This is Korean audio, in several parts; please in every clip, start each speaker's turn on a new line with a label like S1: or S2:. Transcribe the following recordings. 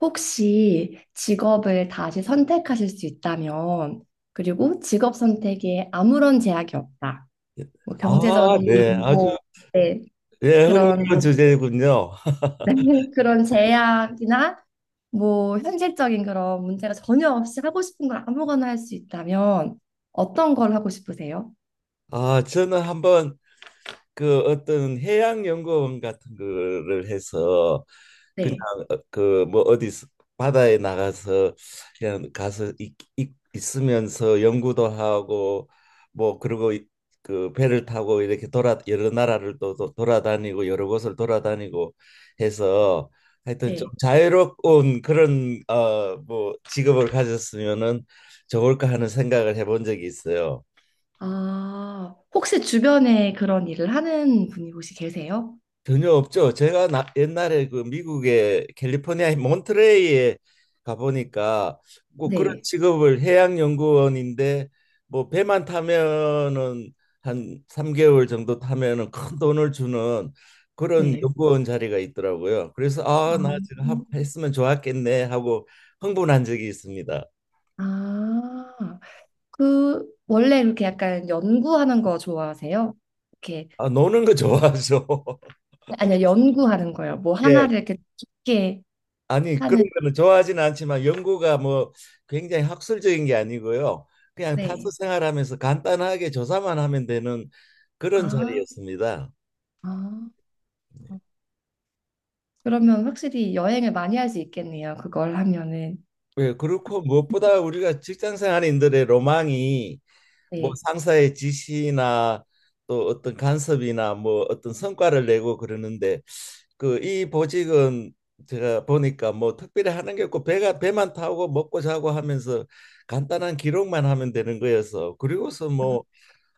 S1: 혹시 직업을 다시 선택하실 수 있다면, 그리고 직업 선택에 아무런 제약이 없다. 뭐
S2: 아,
S1: 경제적인
S2: 네. 아주
S1: 뭐 네,
S2: 예,
S1: 그런
S2: 흥미로운 주제군요.
S1: 그런 제약이나 뭐 현실적인 그런 문제가 전혀 없이 하고 싶은 걸 아무거나 할 수 있다면 어떤 걸 하고 싶으세요?
S2: 아, 저는 한번 그 어떤 해양 연구원 같은 거를 해서 그냥
S1: 네,
S2: 그뭐 어디 바다에 나가서 그냥 가서 있으면서 연구도 하고 뭐 그리고 그 배를 타고 이렇게 돌아 여러 나라를 또 돌아다니고 여러 곳을 돌아다니고 해서 하여튼 좀
S1: 네.
S2: 자유로운 그런 뭐 직업을 가졌으면은 좋을까 하는 생각을 해본 적이 있어요.
S1: 아, 혹시 주변에 그런 일을 하는 분이 혹시 계세요?
S2: 전혀 없죠. 제가 옛날에 그 미국의 캘리포니아 몬트레이에 가보니까 뭐 그런
S1: 네,
S2: 직업을 해양연구원인데 뭐 배만 타면은 한 3개월 정도 타면은 큰 돈을 주는 그런
S1: 네.
S2: 연구원 자리가 있더라고요. 그래서 아, 나
S1: 아,
S2: 지금 했으면 좋았겠네 하고 흥분한 적이 있습니다.
S1: 아. 그 원래 이렇게 약간 연구하는 거 좋아하세요? 이렇게
S2: 아, 노는 거 좋아하죠.
S1: 아니요 연구하는 거요. 뭐
S2: 예.
S1: 하나를 이렇게 깊게
S2: 아니
S1: 하는
S2: 그런 거는 좋아하지는 않지만 연구가 뭐 굉장히 학술적인 게 아니고요. 그냥 타서
S1: 네.
S2: 생활하면서 간단하게 조사만 하면 되는 그런
S1: 아,
S2: 자리였습니다.
S1: 아. 그러면 확실히 여행을 많이 할 수 있겠네요. 그걸 하면은
S2: 예, 그렇고 무엇보다 우리가 직장 생활인들의 로망이 뭐
S1: 네.
S2: 상사의 지시나 또 어떤 간섭이나 뭐 어떤 성과를 내고 그러는데 그 이 보직은 제가 보니까 뭐 특별히 하는 게 없고 배가 배만 타고 먹고 자고 하면서 간단한 기록만 하면 되는 거여서 그리고서 뭐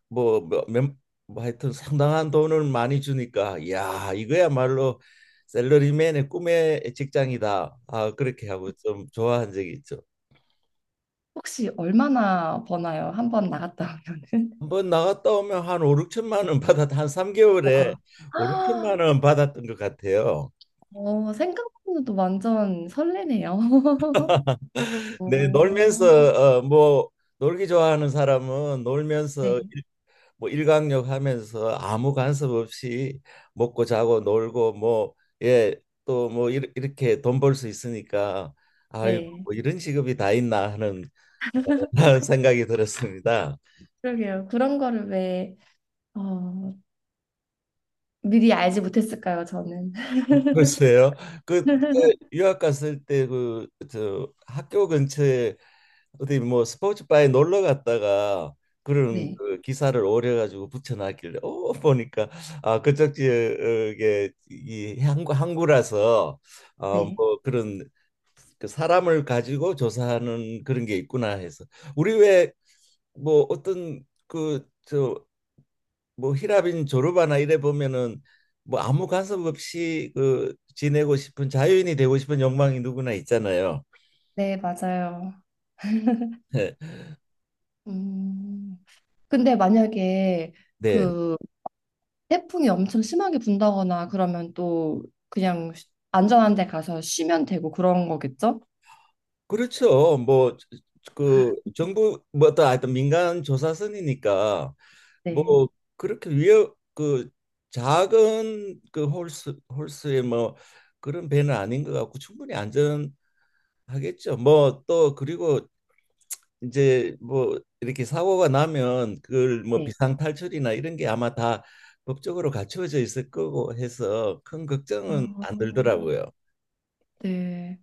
S2: 뭐몇 하여튼 상당한 돈을 많이 주니까 야 이거야말로 샐러리맨의 꿈의 직장이다. 아 그렇게 하고 좀 좋아한 적이 있죠.
S1: 혹시 얼마나 버나요? 한번 나갔다 오면은?
S2: 한번 나갔다 오면 한오육천만원 받았 한
S1: 와. 아,
S2: 삼개월에오육천만원 받았던 것 같아요.
S1: 생각보다도 완전 설레네요.
S2: 네,
S1: 오.
S2: 놀면서 뭐 놀기 좋아하는 사람은 놀면서
S1: 네,
S2: 뭐 일광욕 하면서 아무 간섭 없이 먹고 자고 놀고 뭐 예 또 뭐 이렇게 돈 벌 수 있으니까 아이고
S1: 네.
S2: 뭐 이런 직업이 다 있나 하는 생각이 들었습니다.
S1: 그러게요. 그런 거를 왜 어, 미리 알지 못했을까요, 저는?
S2: 글쎄요. 그 유학 갔을 때 그 저 학교 근처에 어디 뭐 스포츠바에 놀러 갔다가 그런
S1: 네,
S2: 그 기사를 오려 가지고 붙여놨길래 보니까 아 그쪽 지역에 이 항구라서
S1: 네,
S2: 어뭐 그런 그 사람을 가지고 조사하는 그런 게 있구나 해서 우리 왜 뭐 어떤 그 저 뭐 히라빈 조르바나 이래 보면은 뭐 아무 간섭 없이 그 지내고 싶은 자유인이 되고 싶은 욕망이 누구나 있잖아요.
S1: 네, 맞아요. 음, 근데 만약에
S2: 네.
S1: 그 태풍이 엄청 심하게 분다거나 그러면 또 그냥 안전한 데 가서 쉬면 되고 그런 거겠죠?
S2: 그렇죠. 뭐 그 정부 뭐 어떤 하여튼 민간 조사선이니까 뭐
S1: 네,
S2: 그렇게 위협 그 작은 그 홀스의 뭐 그런 배는 아닌 것 같고 충분히 안전하겠죠. 뭐 또 그리고 이제 뭐 이렇게 사고가 나면 그걸 뭐
S1: 네.
S2: 비상 탈출이나 이런 게 아마 다 법적으로 갖추어져 있을 거고 해서 큰 걱정은
S1: 아,
S2: 안 들더라고요.
S1: 네.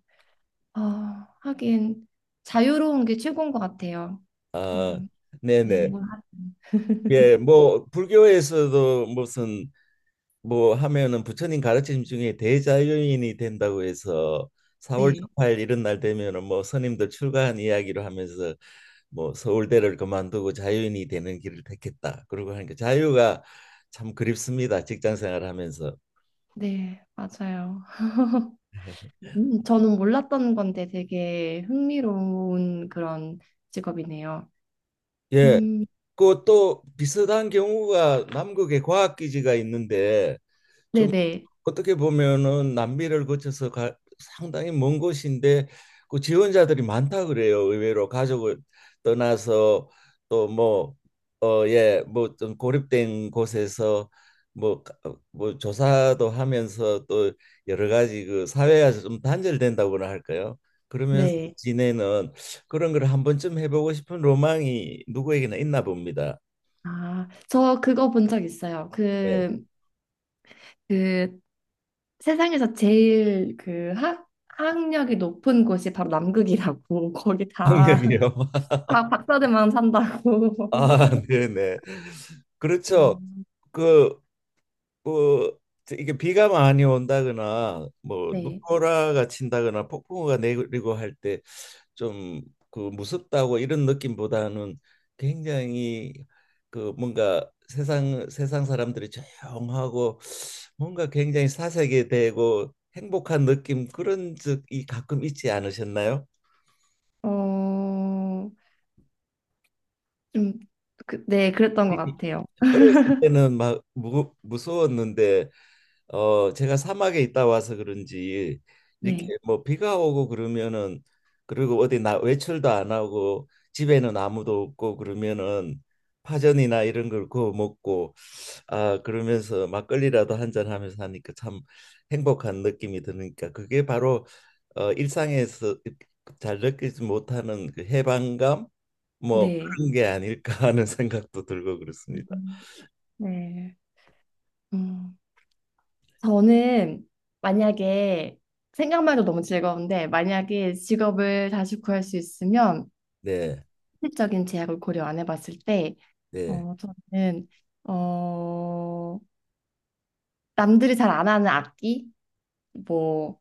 S1: 아, 하긴 자유로운 게 최고인 것 같아요.
S2: 아,
S1: 음, 네,
S2: 네네.
S1: 뭐, 하-
S2: 예, 뭐 불교에서도 무슨 뭐 하면은 부처님 가르침 중에 대자연인이 된다고 해서 4월
S1: 네,
S2: 18일 이런 날 되면은 뭐 스님들 출가한 이야기로 하면서 뭐 서울대를 그만두고 자유인이 되는 길을 택했다. 그러고 하니까 자유가 참 그립습니다. 직장 생활하면서.
S1: 네, 맞아요. 저는 몰랐던 건데 되게 흥미로운 그런 직업이네요.
S2: 예.
S1: 음.
S2: 그 또 비슷한 경우가 남극에 과학기지가 있는데 좀
S1: 네네.
S2: 어떻게 보면은 남미를 거쳐서 가, 상당히 먼 곳인데 그 지원자들이 많다 그래요. 의외로 가족을 떠나서 또 뭐 예 뭐 좀 고립된 곳에서 뭐 뭐 조사도 하면서 또 여러 가지 그 사회에서 좀 단절된다고나 할까요? 그러면서
S1: 네.
S2: 지내는 그런 걸 한 번쯤 해보고 싶은 로망이 누구에게나 있나 봅니다.
S1: 아, 저 그거 본 적 있어요.
S2: 네.
S1: 그, 그 세상에서 제일 그 학력이 높은 곳이 바로 남극이라고. 거기 다,
S2: 학력이요.
S1: 다 박사들만 산다고.
S2: 아, 네네. 그렇죠.
S1: 아,
S2: 그, 그 이게 비가 많이 온다거나 뭐
S1: 네.
S2: 눈보라가 친다거나 폭풍우가 내리고 할 때 좀 그 무섭다고 이런 느낌보다는 굉장히 그 뭔가 세상 사람들이 조용하고 뭔가 굉장히 사색이 되고 행복한 느낌 그런 적이 가끔 있지 않으셨나요?
S1: 어, 좀, 그, 네, 그랬던 것
S2: 네.
S1: 같아요.
S2: 어렸을 때는 막 무서웠는데 제가 사막에 있다 와서 그런지 이렇게
S1: 네.
S2: 뭐 비가 오고 그러면은 그리고 어디 나 외출도 안 하고 집에는 아무도 없고 그러면은 파전이나 이런 걸 구워 먹고 아 그러면서 막걸리라도 한 잔 하면서 하니까 참 행복한 느낌이 드니까 그게 바로 일상에서 잘 느끼지 못하는 그 해방감 뭐
S1: 네.
S2: 그런 게 아닐까 하는 생각도 들고 그렇습니다.
S1: 음, 네. 음, 저는 만약에 생각만 해도 너무 즐거운데 만약에 직업을 다시 구할 수 있으면
S2: 네.
S1: 실질적인 제약을 고려 안 해봤을 때,
S2: 네.
S1: 저는, 어, 남들이 잘 안 하는 악기? 뭐,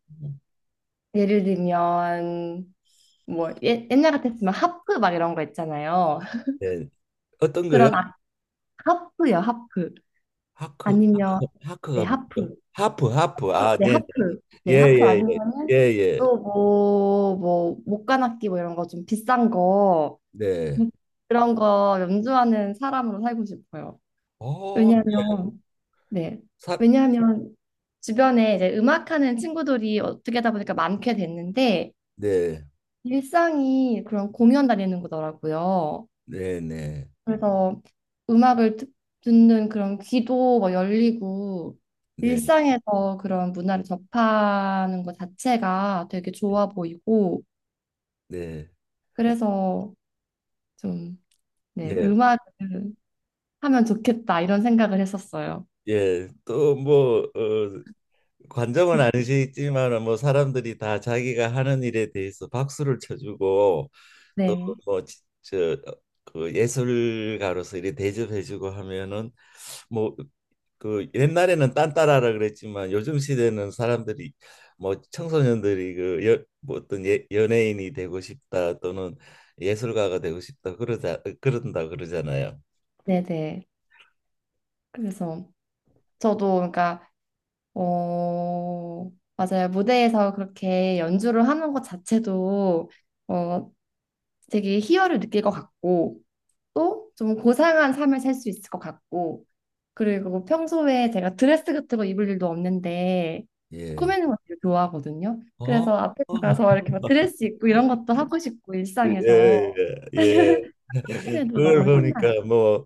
S1: 예를 들면, 뭐, 예, 옛날 같았으면 하프 막 이런 거 있잖아요.
S2: 네. 어떤 거요?
S1: 그런 악, 하프요, 하프.
S2: 하크
S1: 아니면,
S2: 하크
S1: 네,
S2: 하크가 뭐죠?
S1: 하프.
S2: 하프 하프 아
S1: 네,
S2: 네네
S1: 하프. 네, 하프
S2: 예예예
S1: 아니면은
S2: 예예
S1: 또 뭐, 뭐, 목관악기 뭐 이런 거 좀 비싼 거,
S2: 네.
S1: 음, 그런 거 연주하는 사람으로 살고 싶어요.
S2: 어,
S1: 왜냐면, 네.
S2: 사,
S1: 왜냐하면 주변에 이제 음악하는 친구들이 어떻게 하다 보니까 많게 됐는데
S2: 네,
S1: 일상이 그런 공연 다니는 거더라고요.
S2: 네, 네,
S1: 그래서 음악을 듣- 듣는 그런 귀도 뭐 열리고
S2: 네,
S1: 일상에서 그런 문화를 접하는 것 자체가 되게 좋아 보이고
S2: 네,
S1: 그래서 좀 네,
S2: 네.
S1: 음악을 하면 좋겠다 이런 생각을 했었어요.
S2: 예, 또 뭐, 관정은 아니시지만 뭐 사람들이 다 자기가 하는 일에 대해서 박수를 쳐주고
S1: 네.
S2: 또뭐저그 예술가로서 이렇게 대접해주고 하면은 뭐 그 옛날에는 딴따라라 그랬지만 요즘 시대는 사람들이 뭐 청소년들이 그 뭐 어떤 예, 연예인이 되고 싶다 또는 예술가가 되고 싶다 그러자 그런다 그러잖아요.
S1: 네네. 그래서 저도 그러니까 어, 맞아요. 무대에서 그렇게 연주를 하는 것 자체도 어, 되게 희열을 느낄 것 같고 또 좀 고상한 삶을 살 수 있을 것 같고 그리고 평소에 제가 드레스 같은 거 입을 일도 없는데
S2: 예.
S1: 꾸미는 걸 되게 좋아하거든요.
S2: 어?
S1: 그래서 앞에
S2: 어.
S1: 나가서 이렇게 막 드레스 입고 이런 것도 하고 싶고
S2: 예,
S1: 일상에서
S2: 예, 예.
S1: 하면 에 도
S2: 그걸
S1: 너무 신나요.
S2: 보니까 뭐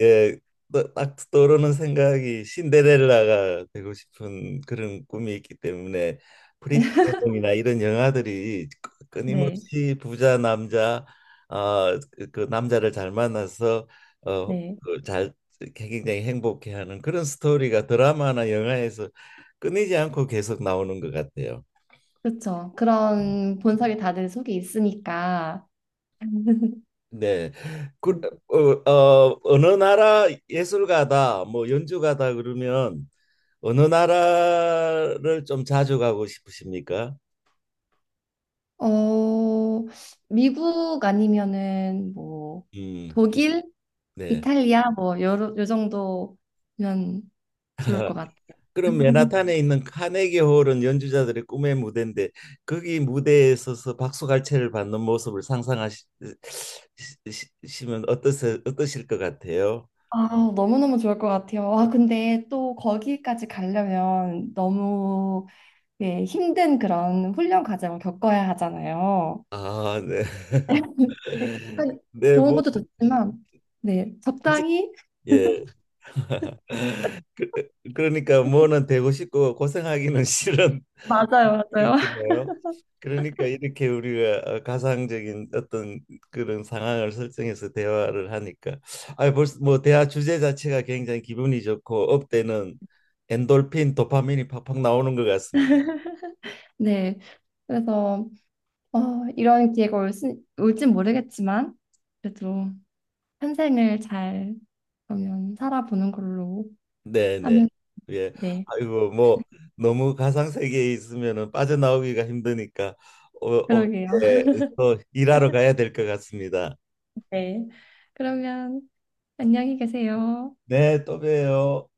S2: 예, 딱 떠오르는 생각이 신데렐라가 되고 싶은 그런 꿈이 있기 때문에 프리티 우먼이나 이런 영화들이 끊-
S1: 네,
S2: 끊임없이 부자 남자 아, 그그 남자를 잘 만나서 어,
S1: 네,
S2: 그잘 굉장히 행복해하는 그런 스토리가 드라마나 영화에서 끊이지 않고 계속 나오는 것 같아요.
S1: 그렇죠.
S2: 음.
S1: 그런 본성이 다들 속에 있으니까
S2: 네, 그,
S1: 음.
S2: 어느 나라 예술가다, 뭐 연주가다 그러면 어느 나라를 좀 자주 가고 싶으십니까?
S1: 어, 미국 아니면은 뭐
S2: 음,
S1: 독일,
S2: 네.
S1: 이탈리아 뭐 요, 요 정도면 좋을 것 같아요.
S2: 그럼 맨하탄에 있는 카네기 홀은 연주자들의 꿈의 무대인데 거기 무대에 서서 박수갈채를 받는 모습을 상상하시면 어떠실 것 같아요?
S1: 아, 너무너무 좋을 것 같아요. 아, 근데 또 거기까지 가려면 너무 예, 힘든 그런 훈련 과정을 겪어야 하잖아요.
S2: 아, 네.
S1: 네, 한-
S2: 네,
S1: 좋은
S2: 뭐
S1: 것도 좋지만 네,
S2: 굳이-
S1: 적당히
S2: 예. 그, 그러니까 뭐는 되고 싶고 고생하기는 싫은
S1: 맞아요, 맞아요.
S2: 그래요? 그러니까 이렇게 우리가 가상적인 어떤 그런 상황을 설정해서 대화를 하니까 아 벌써 뭐 대화 주제 자체가 굉장히 기분이 좋고 업되는 엔돌핀 도파민이 팍팍 나오는 것 같습니다.
S1: 네, 그래서 어, 이런 기회가 올 수, 올진 모르겠지만 그래도 현생을 잘 그러면 살아보는 걸로
S2: 네네.
S1: 하면
S2: 예.
S1: 네.
S2: 아이고 뭐 너무 가상 세계에 있으면은 빠져나오기가 힘드니까 어, 어,
S1: 그러게요.
S2: 예. 또 일하러 가야 될 것 같습니다.
S1: 네. 그러면 안녕히 계세요.
S2: 네, 또 봬요.